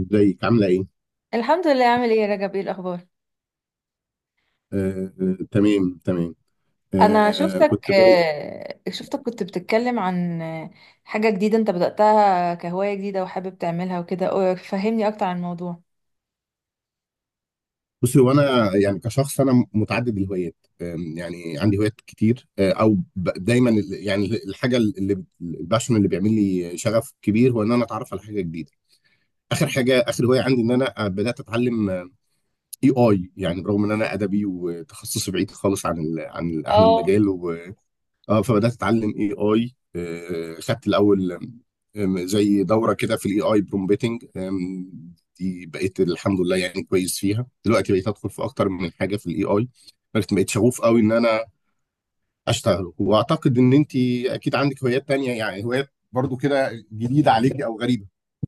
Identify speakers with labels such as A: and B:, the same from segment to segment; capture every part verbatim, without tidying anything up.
A: ازيك؟ عامله ايه؟
B: الحمد لله. عامل ايه يا رجب؟ ايه الاخبار؟
A: آه آه، تمام تمام.
B: انا
A: آه
B: شفتك
A: كنت بقول،
B: آه، شفتك كنت بتتكلم عن آه، حاجة جديدة انت بدأتها كهواية جديدة وحابب تعملها وكده أو- فهمني اكتر عن الموضوع.
A: بصي هو انا يعني كشخص انا متعدد الهوايات، آه يعني عندي هوايات كتير. آه او ب- دايما ال- يعني الحاجه اللي الباشن اللي بيعمل لي شغف كبير هو ان انا اتعرف على حاجه جديده. اخر حاجه، اخر هوايه عندي ان انا آه، بدات اتعلم اي اي. يعني برغم ان انا ادبي وتخصصي بعيد خالص عن ال عن ال- عن
B: اه،
A: المجال. اه فبدات اتعلم اي اي. خدت الاول آم، زي دوره كده في الاي اي برومبتنج، دي بقيت الحمد لله يعني كويس فيها دلوقتي، بقيت ادخل في اكتر من حاجه في الاي اي. بقيت بقيت شغوف قوي ان انا اشتغل. واعتقد ان انت اكيد عندك هوايات تانية، يعني هوايات برضو كده جديده عليكي او غريبه.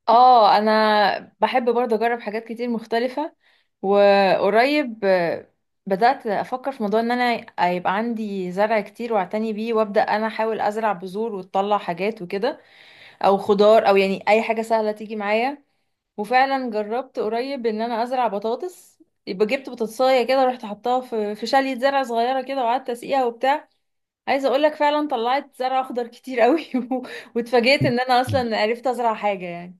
B: اه، انا بحب برضه اجرب حاجات كتير مختلفة. وقريب آه، بدأت افكر في موضوع ان انا يبقى عندي زرع كتير واعتني بيه وابدأ انا احاول ازرع بذور وتطلع حاجات وكده، او خضار، او يعني اي حاجة سهلة تيجي معايا. وفعلا جربت قريب ان انا ازرع بطاطس. يبقى جبت بطاطسايه كده، رحت حطاها في في شاليه زرع صغيره كده وقعدت اسقيها وبتاع. عايزه اقول لك فعلا طلعت زرع اخضر كتير قوي. و- واتفاجئت ان انا اصلا عرفت ازرع حاجه يعني.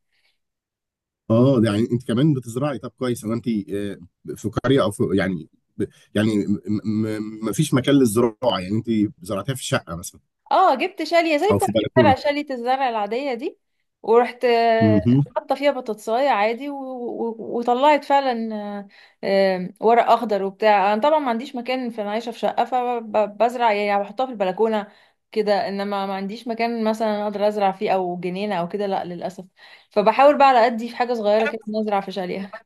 A: اه ده يعني انت كمان بتزرعي. طب كويس، هو انت آه، في قريه او في يعني ب- يعني ما فيش مكان للزراعه؟ يعني انت زرعتها في شقه مثلا
B: اه، جبت شاليه زي
A: او
B: بتاعت
A: في
B: الزرع،
A: بلكونه؟
B: شاليه الزرع العاديه دي، ورحت آه،
A: مهم.
B: حاطه فيها بطاطسايه عادي و... و... وطلعت فعلا آه، آه، ورق اخضر وبتاع. انا طبعا ما عنديش مكان، في، انا عايشه في شقه فبزرع يعني بحطها في البلكونه كده، انما ما عنديش مكان مثلا اقدر ازرع فيه، او جنينه او كده، لا للاسف. فبحاول بقى على قدي في حاجه صغيره كده إن ازرع في شاليه.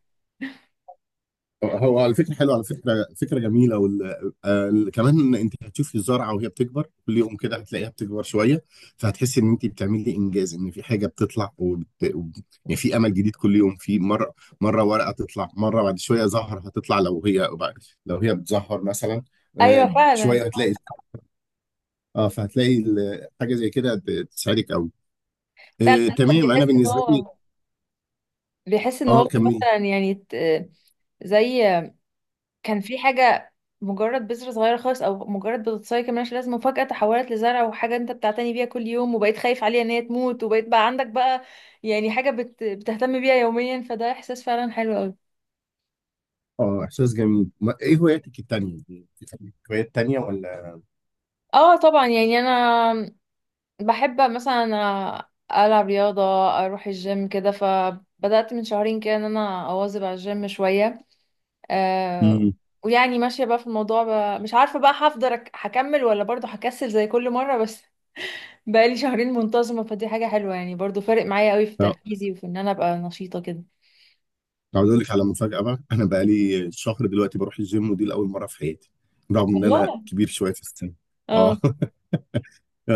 A: هو الفكرة حلوة، على فكرة فكرة جميلة وال... آه كمان انت هتشوفي الزرعة وهي بتكبر كل يوم، كده هتلاقيها بتكبر شوية، فهتحسي ان انت بتعملي انجاز، ان في حاجة بتطلع وبت... وب- يعني في امل جديد كل يوم. في مرة مرة ورقة تطلع، مرة بعد شوية زهر هتطلع، لو هي لو هي بتزهر مثلا.
B: ايوه
A: آه
B: فعلا.
A: شوية هتلاقي، اه فهتلاقي ال- حاجة زي كده ت- تساعدك قوي.
B: فعلا
A: آه
B: الواحد
A: تمام. انا
B: بيحس ان
A: بالنسبة لي،
B: هو بيحس ان
A: اه
B: هو
A: كملي.
B: مثلا يعني ت- زي كان في حاجة، مجرد بذرة صغيرة خالص أو مجرد بتتصاي كمان مش لازمة، وفجأة تحولت لزرع وحاجة أنت بتعتني بيها كل يوم، وبقيت خايف عليها إن هي تموت، وبقيت بقى عندك بقى يعني حاجة بت... بتهتم بيها يوميا، فده إحساس فعلا حلو أوي.
A: اه احساس جميل. ما... ايه هواياتك التانية؟ دي؟ في هوايات تانية ولا؟
B: اه طبعا، يعني أنا بحب مثلا ألعب رياضة، أروح الجيم كده. فبدأت من شهرين كده إن أنا أواظب على الجيم شوية. آه
A: امم.
B: ويعني ماشية بقى في الموضوع بقى، مش عارفة بقى هفضل أك- هكمل ولا برضه هكسل زي كل مرة. بس بقالي شهرين منتظمة فدي حاجة حلوة، يعني برضو فارق معايا قوي في
A: اه
B: تركيزي وفي ان انا ابقى نشيطة كده.
A: عاوز اقول لك على مفاجاه بقى: انا بقى لي شهر دلوقتي بروح الجيم، ودي لاول مره في حياتي، رغم ان انا
B: والله.
A: كبير شويه في السن. اه
B: اه.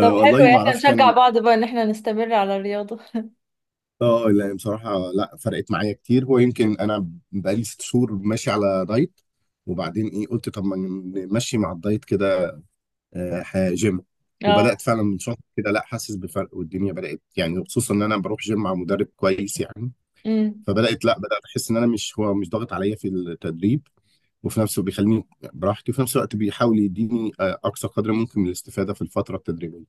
B: طب
A: والله
B: حلو، يعني
A: ما
B: احنا
A: اعرفش كان.
B: نشجع بعض بقى ان احنا نستمر على الرياضة.
A: اه لا بصراحه لا، فرقت معايا كتير. هو يمكن انا بقى لي ست شهور ماشي على دايت، وبعدين ايه قلت طب ما نمشي مع الدايت كده آه، ح- جيم. وبدات
B: اه،
A: فعلا من شهر كده، لا حاسس بفرق، والدنيا بدات، يعني خصوصا ان انا بروح جيم مع مدرب كويس يعني.
B: امم،
A: فبدات لا بدات احس ان انا مش، هو مش ضاغط عليا في التدريب، وفي نفسه بيخليني براحتي، وفي نفس الوقت بيحاول يديني آه، اقصى قدر ممكن من الاستفاده في الفتره التدريبيه.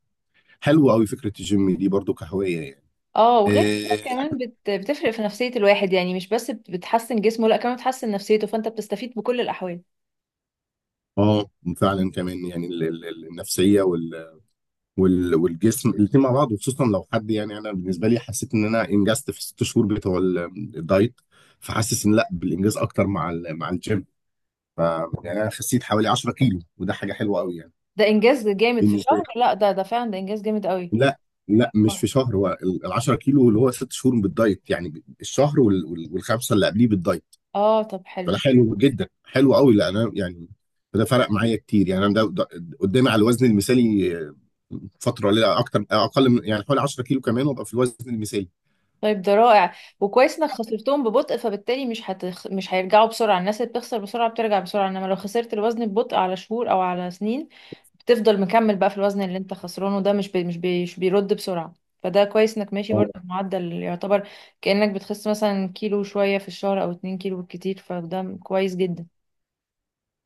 A: حلوه قوي فكره الجيم دي برضو كهوايه يعني.
B: اه، وغير كده
A: اه
B: كمان بت... بتفرق في نفسية الواحد، يعني مش بس بت- بتحسن جسمه، لا كمان بتحسن نفسيته، فانت بتستفيد بكل الاحوال.
A: آه، فعلا. كمان يعني ال- ال- ال- النفسيه وال وال والجسم الاثنين مع بعض، وخصوصا لو حد يعني. انا بالنسبه لي حسيت ان انا انجزت في الست شهور بتوع ال- الدايت، فحاسس ان لا بالانجاز اكتر مع ال- مع الجيم. ف يعني انا خسيت حوالي عشرة كيلو، وده حاجه حلوه قوي يعني.
B: ده انجاز جامد في
A: بالنسبه،
B: شهر. لا، ده ده فعلا ده انجاز جامد قوي.
A: لا لا مش
B: اه،
A: في شهر. هو ال ال عشرة كيلو اللي هو ست شهور بالدايت، يعني الشهر وال وال والخمسه اللي قبليه بالدايت.
B: آه، طب حلو.
A: فده حلو جدا، حلو قوي. لا انا يعني ده فرق معايا كتير يعني. انا ده ده- قدامي على الوزن المثالي، آه، فتره قليله اكتر، اقل من يعني حوالي عشرة كيلو كمان وابقى في الوزن المثالي.
B: طيب ده رائع، وكويس انك خسرتهم ببطء، فبالتالي مش هتخ... مش هيرجعوا بسرعة. الناس اللي بتخسر بسرعة بترجع بسرعة، انما لو خسرت الوزن ببطء على شهور او على سنين بتفضل مكمل بقى في الوزن اللي انت خسرانه ده، مش بي... مش, بي... مش بيرد بسرعة. فده كويس انك ماشي برضه
A: اه
B: بمعدل يعتبر كأنك بتخس مثلا كيلو شوية في الشهر او اتنين كيلو بالكتير، فده كويس جدا.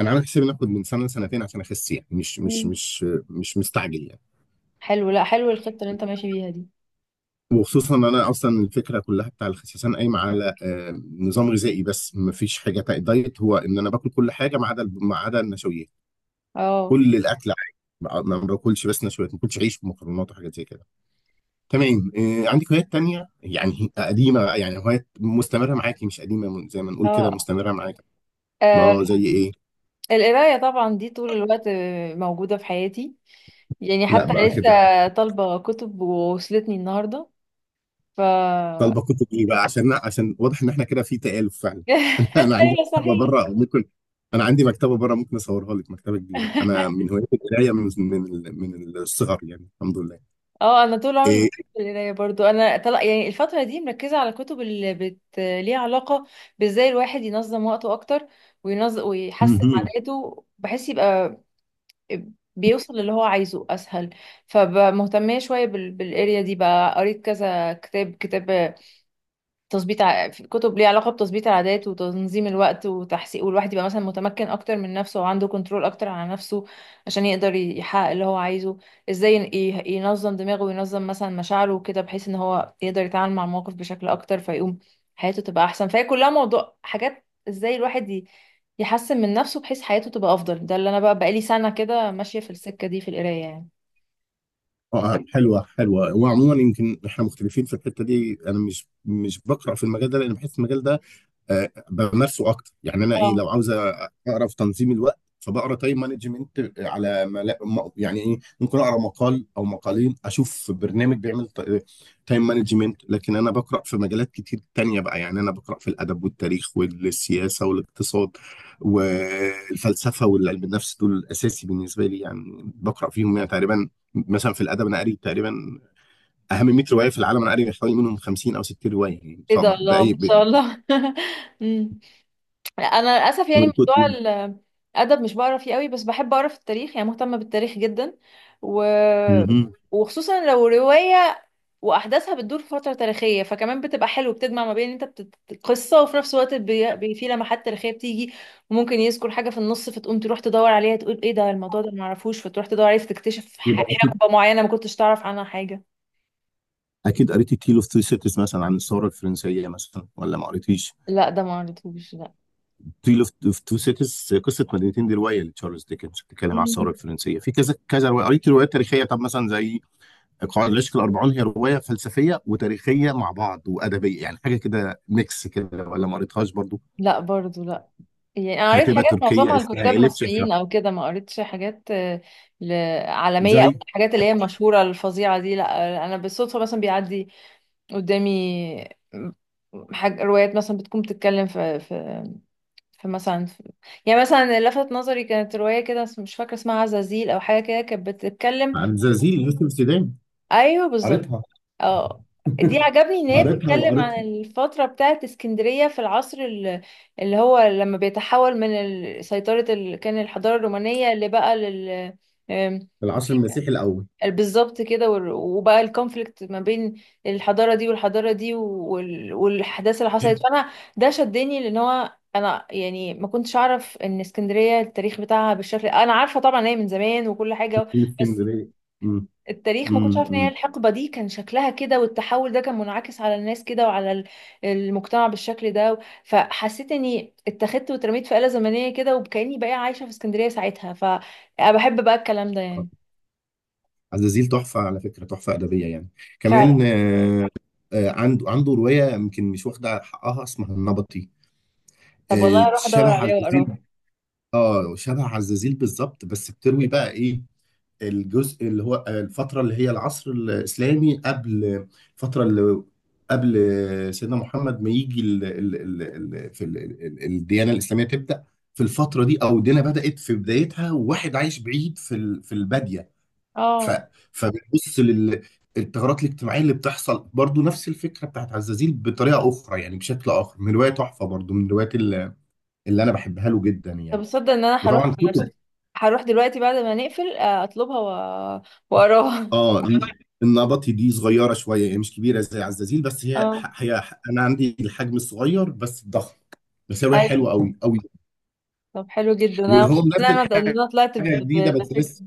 A: انا عامل حسابي ناخد من سنه لسنتين عشان اخس، يعني مش مش
B: مم.
A: مش مش مستعجل يعني.
B: حلو، لا حلو الخطة اللي انت ماشي بيها دي.
A: وخصوصا ان انا اصلا الفكره كلها بتاع الخسسان قايمه على آه، نظام غذائي بس، مفيش حاجه تا- دايت، هو ان انا باكل كل حاجه ما عدا الب- ما عدا النشويات.
B: اه.
A: كل الاكل عادي، ما ما باكلش بس نشويات، ما باكلش عيش ومكرونات وحاجات زي كده. تمام. آه، عندك هوايات تانية يعني قديمه، يعني هوايات مستمره معاكي، مش قديمه، من- زي ما نقول كده
B: اه.
A: مستمره معاكي؟
B: آه،
A: اه زي ايه؟
B: القراية طبعا دي طول الوقت آه، موجودة في حياتي. يعني
A: لا
B: حتى
A: بقى كده،
B: لسه طالبة كتب ووصلتني النهاردة. ف
A: طالبه كتب ايه بقى؟ عشان، عشان واضح ان احنا كده في تآلف فعلا. انا عندي
B: ايوه
A: مكتبه
B: صحيح.
A: بره ممكن انا عندي مكتبه بره، ممكن اصورها لك، مكتبه كبيره. انا من هوايه القرايه من من ال- من الصغر يعني، الحمد لله.
B: اه، انا طول عمري
A: إيه؟
B: بحب القرايه برضو. انا طلع يعني الفتره دي مركزه على كتب اللي بت ليها علاقه بازاي الواحد ينظم وقته اكتر، وينظم ويحسن
A: مهم.
B: عاداته بحيث يبقى بيوصل للي هو عايزه اسهل. فمهتميه شويه بال... بالاريا دي بقى، قريت كذا كتاب كتاب تظبيط، ع- في كتب ليها علاقة بتظبيط العادات وتنظيم الوقت وتحسين، والواحد يبقى مثلا متمكن أكتر من نفسه وعنده كنترول أكتر على نفسه، عشان يقدر ي- يحقق اللي هو عايزه. ازاي ين- ي- ينظم دماغه وينظم مثلا مشاعره وكده بحيث ان هو يقدر يتعامل مع المواقف بشكل أكتر، فيقوم حياته تبقى أحسن. فهي كلها موضوع حاجات ازاي الواحد ي- يحسن من نفسه بحيث حياته تبقى أفضل. ده اللي أنا بقى بقالي سنة كده ماشية في السكة دي في القراية يعني.
A: اه حلوه حلوه. وعموما يمكن احنا مختلفين في الحته دي. انا مش مش بقرا في المجال ده، لان بحس المجال ده آه، بمارسه اكتر يعني. انا ايه،
B: اه،
A: لو عاوز اقرا في تنظيم الوقت فبقرا تايم مانجمنت على ملا... م- يعني ايه، ممكن اقرا مقال او مقالين، اشوف برنامج بيعمل تايم مانجمنت. لكن انا بقرا في مجالات كتير تانية بقى، يعني انا بقرا في الادب والتاريخ والسياسه والاقتصاد والفلسفه والعلم النفس. دول الاساسي بالنسبه لي يعني، بقرا فيهم يعني تقريبا. مثلا في الادب، انا قاري تقريبا اهم ميه روايه في العالم، انا قاري حوالي منهم خمسين او ستين روايه يعني،
B: ايه
A: سواء
B: ده، الله
A: باي
B: ما شاء
A: ب-
B: الله! مم. انا للاسف يعني موضوع
A: ب-
B: الادب مش بقرا فيه قوي، بس بحب اقرا في التاريخ، يعني مهتمه بالتاريخ جدا. و...
A: مهم.
B: وخصوصا لو روايه واحداثها بتدور في فتره تاريخيه فكمان بتبقى حلو، بتجمع ما بين انت بت... قصه، وفي نفس الوقت بي... بي... في لمحات تاريخيه بتيجي. وممكن يذكر حاجه في النص فتقوم تروح تدور عليها، تقول ايه ده الموضوع ده ما اعرفوش، فتروح تدور عليه فتكتشف
A: يبقى
B: ح-
A: اكيد،
B: حقبه معينه ما كنتش تعرف عنها حاجه.
A: اكيد قريتي تيل اوف تو سيتيز مثلا عن الثوره الفرنسيه مثلا، ولا ما قريتيش؟
B: لا، ده ما قريتهوش.
A: تيل اوف تو سيتيز، قصه مدينتين، دي روايه لتشارلز ديكنز، بتتكلم عن
B: لا،
A: الثوره الفرنسيه. في كذا كذا روايه قريت، روايات تاريخيه. طب مثلا زي قواعد العشق الاربعون، هي روايه فلسفيه وتاريخيه مع بعض وادبيه، يعني حاجه كده ميكس كده، ولا ما قريتهاش برضو؟
B: لا، برضو لا. يعني انا قريت
A: كاتبه
B: حاجات
A: تركيه
B: معظمها
A: اسمها
B: لكتاب
A: اليف شفا.
B: مصريين او كده، ما قريتش حاجات آه، ل- عالميه او
A: زي
B: الحاجات اللي هي المشهوره الفظيعه دي. لا، انا بالصدفه مثلا بيعدي قدامي حاجة روايات مثلا بتكون بتتكلم في في في مثلا في يعني مثلا اللي لفت نظري كانت روايه كده اسم- مش فاكره اسمها عزازيل او حاجه كده، كانت بتتكلم.
A: عن زلازل يوسف السودان؟
B: ايوه بالظبط.
A: قريتها.
B: اه، دي عجبني ان هي
A: قريتها
B: بتتكلم عن
A: وقريت
B: الفترة بتاعت اسكندرية في العصر ال- اللي هو لما بيتحول من ال- سيطرة ال... كان الحضارة الرومانية اللي بقى لل آم،
A: العصر المسيحي الاول.
B: بالظبط كده، وال- وبقى الكونفليكت ما بين الحضارة دي والحضارة دي، وال... والأحداث اللي حصلت فأنا ده شدني لأن هو أنا يعني ما كنتش أعرف إن اسكندرية التاريخ بتاعها بالشكل، أنا عارفة طبعا هي من زمان وكل حاجة،
A: من
B: بس
A: اسكندريه.
B: التاريخ ما كنتش عارفه ان هي الحقبه دي كان شكلها كده، والتحول ده كان منعكس على الناس كده وعلى ال- المجتمع بالشكل ده. فحسيت اني اتخذت واترميت في آلة زمنيه كده، وكاني بقى عايشه في اسكندريه ساعتها، فبحب بقى الكلام ده
A: آه،
B: يعني.
A: عزازيل تحفة على فكرة، تحفة أدبية يعني.
B: فعلا.
A: كمان آه، آه، عنده، عنده رواية يمكن مش واخدة حقها، اسمها النبطي.
B: طب
A: آه،
B: والله هروح
A: شبه
B: ادور عليها واقراها.
A: عزازيل. اه شبه عزازيل بالظبط، بس بتروي بقى ايه الجزء اللي هو آه، الفترة اللي هي العصر الإسلامي قبل، الفترة اللي قبل سيدنا محمد ما يجي، ال ال ال ال في ال ال الديانة الإسلامية تبدأ في الفترة دي، أو الدنيا بدأت في بدايتها، وواحد عايش بعيد في ال- في البادية. ف...
B: اه،
A: فبنبص للثغرات الاجتماعيه اللي بتحصل، برضو نفس الفكره بتاعت عزازيل بطريقه اخرى، يعني بشكل اخر. من روايه تحفه برضو، من الروايات اللي، اللي انا بحبها له جدا
B: طب
A: يعني.
B: تصدق ان انا هروح،
A: وطبعا كتب.
B: هروح دلوقتي بعد ما نقفل، آه، اطلبها و- واقراها.
A: اه النبطي دي صغيره شويه يعني، مش كبيره زي عزازيل. بس هي،
B: اه.
A: هي انا عندي الحجم الصغير بس الضخم، بس هي روايه
B: ايوه.
A: حلوه قوي قوي.
B: طب حلو جدا، انا
A: وهو
B: مبسوطه ان
A: منزل
B: انا إن أنا طلعت ب-
A: حاجه جديده
B: ب-
A: بس
B: بفكره.
A: لسه،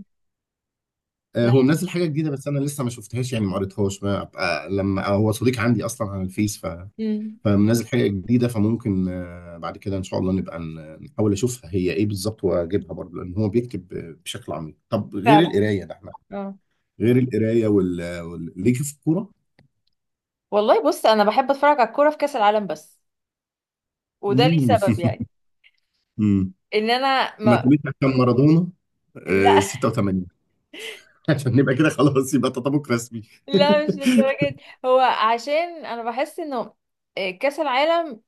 A: آه، هو
B: ده.
A: منزل حاجه جديده بس انا لسه ما شفتهاش يعني، ما قريتهاش. ما أبقى، لما هو صديق عندي اصلا على الفيس،
B: أمم،
A: فمنزل حاجة جديدة، فممكن آه، بعد كده إن شاء الله نبقى ن- نحاول أشوفها هي إيه بالظبط، وأجيبها برضه، لأن هو بيكتب آه، بشكل عميق. طب غير
B: فعلا.
A: القراية، ده إحنا
B: اه،
A: غير القراية وال... وال... ليك في الكورة؟
B: والله بص انا بحب اتفرج على الكوره في كاس العالم بس، وده ليه
A: مم.
B: سبب يعني.
A: مم.
B: ان انا
A: ما
B: ما
A: تقوليش عشان مارادونا آه،
B: لا،
A: ستة وتمانين؟ عشان نبقى كده خلاص، يبقى تطابق رسمي.
B: لا مش للدرجه دي. هو عشان انا بحس انه آه، كاس العالم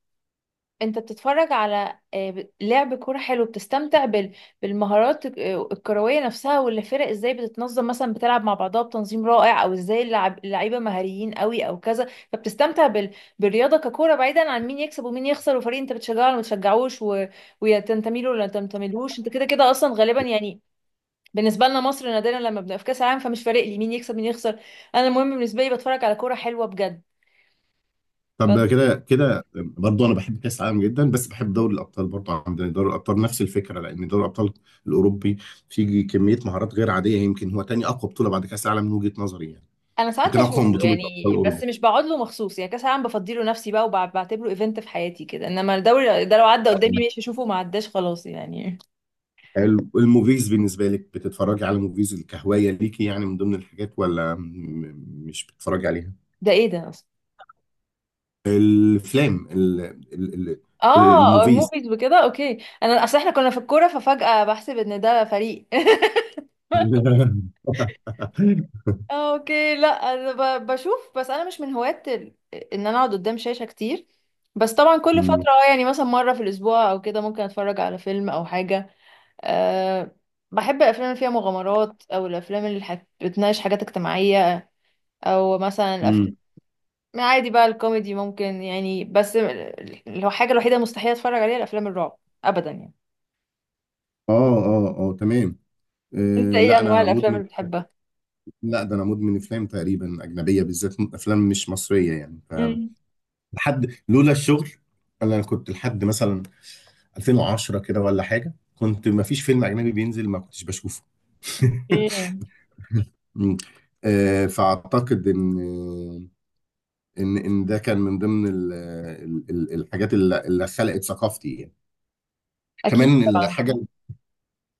B: انت بتتفرج على آه، ب- لعب كوره حلو، بتستمتع بال- بالمهارات الك- آه، الكرويه نفسها، ولا الفرق ازاي بتتنظم مثلا بتلعب مع بعضها بتنظيم رائع، او ازاي اللعب- اللعيبه مهاريين قوي او كذا. فبتستمتع بال... بالرياضه ككوره بعيدا عن مين يكسب ومين يخسر، وفريق انت بتشجعه ولا ما بتشجعوش و... ويا تنتمي له ولا تنتميلهوش، انت كده كده اصلا غالبا يعني. بالنسبه لنا مصر نادرا لما بنبقى في كاس العالم، فمش فارق لي مين يكسب مين يخسر. انا المهم بالنسبه لي بتفرج على كوره حلوه بجد.
A: طب كده كده برضه انا بحب كاس العالم جدا، بس بحب دوري الابطال برضه عندنا، يعني دوري الابطال نفس الفكره، لان دوري الابطال الاوروبي فيه كميه مهارات غير عاديه، يمكن هو تاني اقوى بطوله بعد كاس العالم من وجهه نظري يعني،
B: انا ساعات
A: يمكن اقوى
B: بشوفه
A: من بطوله ابطال
B: يعني
A: اوروبا.
B: بس مش بقعد له مخصوص، يعني كاس العالم بفضيله نفسي بقى وبعتبره ايفنت في حياتي كده، انما الدوري ده لو عدى قدامي ماشي اشوفه، ما عداش خلاص يعني.
A: ال- الموفيز بالنسبه لك، بتتفرجي على موفيز، الكهوايه ليكي يعني من ضمن الحاجات، ولا م- م- مش بتتفرجي عليها؟
B: ده ايه ده اصلا؟
A: الافلام ال- ال- ال-
B: اه،
A: الموفيز.
B: الموفيز وكده، اوكي. انا اصل احنا كنا في الكوره ففجأة بحسب ان ده فريق. آه، اوكي. لا، انا ب- بشوف، بس انا مش من هواة ال- ان انا اقعد قدام شاشة كتير. بس طبعا كل
A: امم.
B: فترة، اه يعني مثلا مرة في الاسبوع او كده، ممكن اتفرج على فيلم او حاجة. أه بحب الافلام اللي فيها مغامرات، او الافلام اللي حت- بتناقش حاجات اجتماعيه، او مثلا الافلام.
A: امم.
B: يعني عادي بقى الكوميدي ممكن يعني، بس ال- الحاجه الوحيده مستحيل اتفرج عليها الافلام الرعب، ابدا يعني.
A: اه اه اه تمام.
B: انت
A: أه
B: ايه
A: لا
B: انواع
A: انا
B: الافلام
A: مدمن،
B: اللي بتحبها؟
A: لا ده انا مدمن افلام تقريبا، اجنبيه بالذات، افلام مش مصريه يعني. ف
B: امم
A: لحد، لولا الشغل انا كنت لحد مثلا الفين وعشرة كده ولا حاجه، كنت ما فيش فيلم اجنبي بينزل ما كنتش بشوفه.
B: ايه،
A: مم. أه فاعتقد ان ان ان ده كان من ضمن ال ال ال الحاجات اللي اللي خلقت ثقافتي يعني.
B: اكيد
A: كمان
B: طبعا.
A: الحاجه،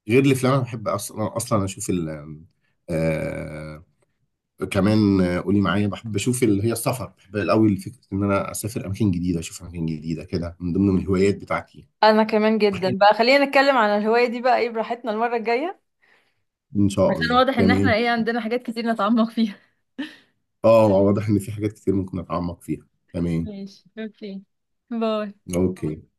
A: غير الافلام انا بحب اصلا، اصلا اشوف ال آه، كمان آه، قولي معايا، بحب اشوف اللي هي السفر. بحب قوي فكره ان انا اسافر اماكن جديده، اشوف اماكن جديده، كده من ضمن الهوايات بتاعتي.
B: انا كمان جدا بقى. خلينا نتكلم عن الهوايه دي بقى ايه براحتنا المره الجايه،
A: ان شاء
B: عشان
A: الله
B: واضح ان احنا
A: تمام.
B: ايه عندنا حاجات كتير نتعمق فيها.
A: اه واضح ان في حاجات كتير ممكن اتعمق فيها. تمام
B: ماشي، اوكي، باي.
A: اوكي.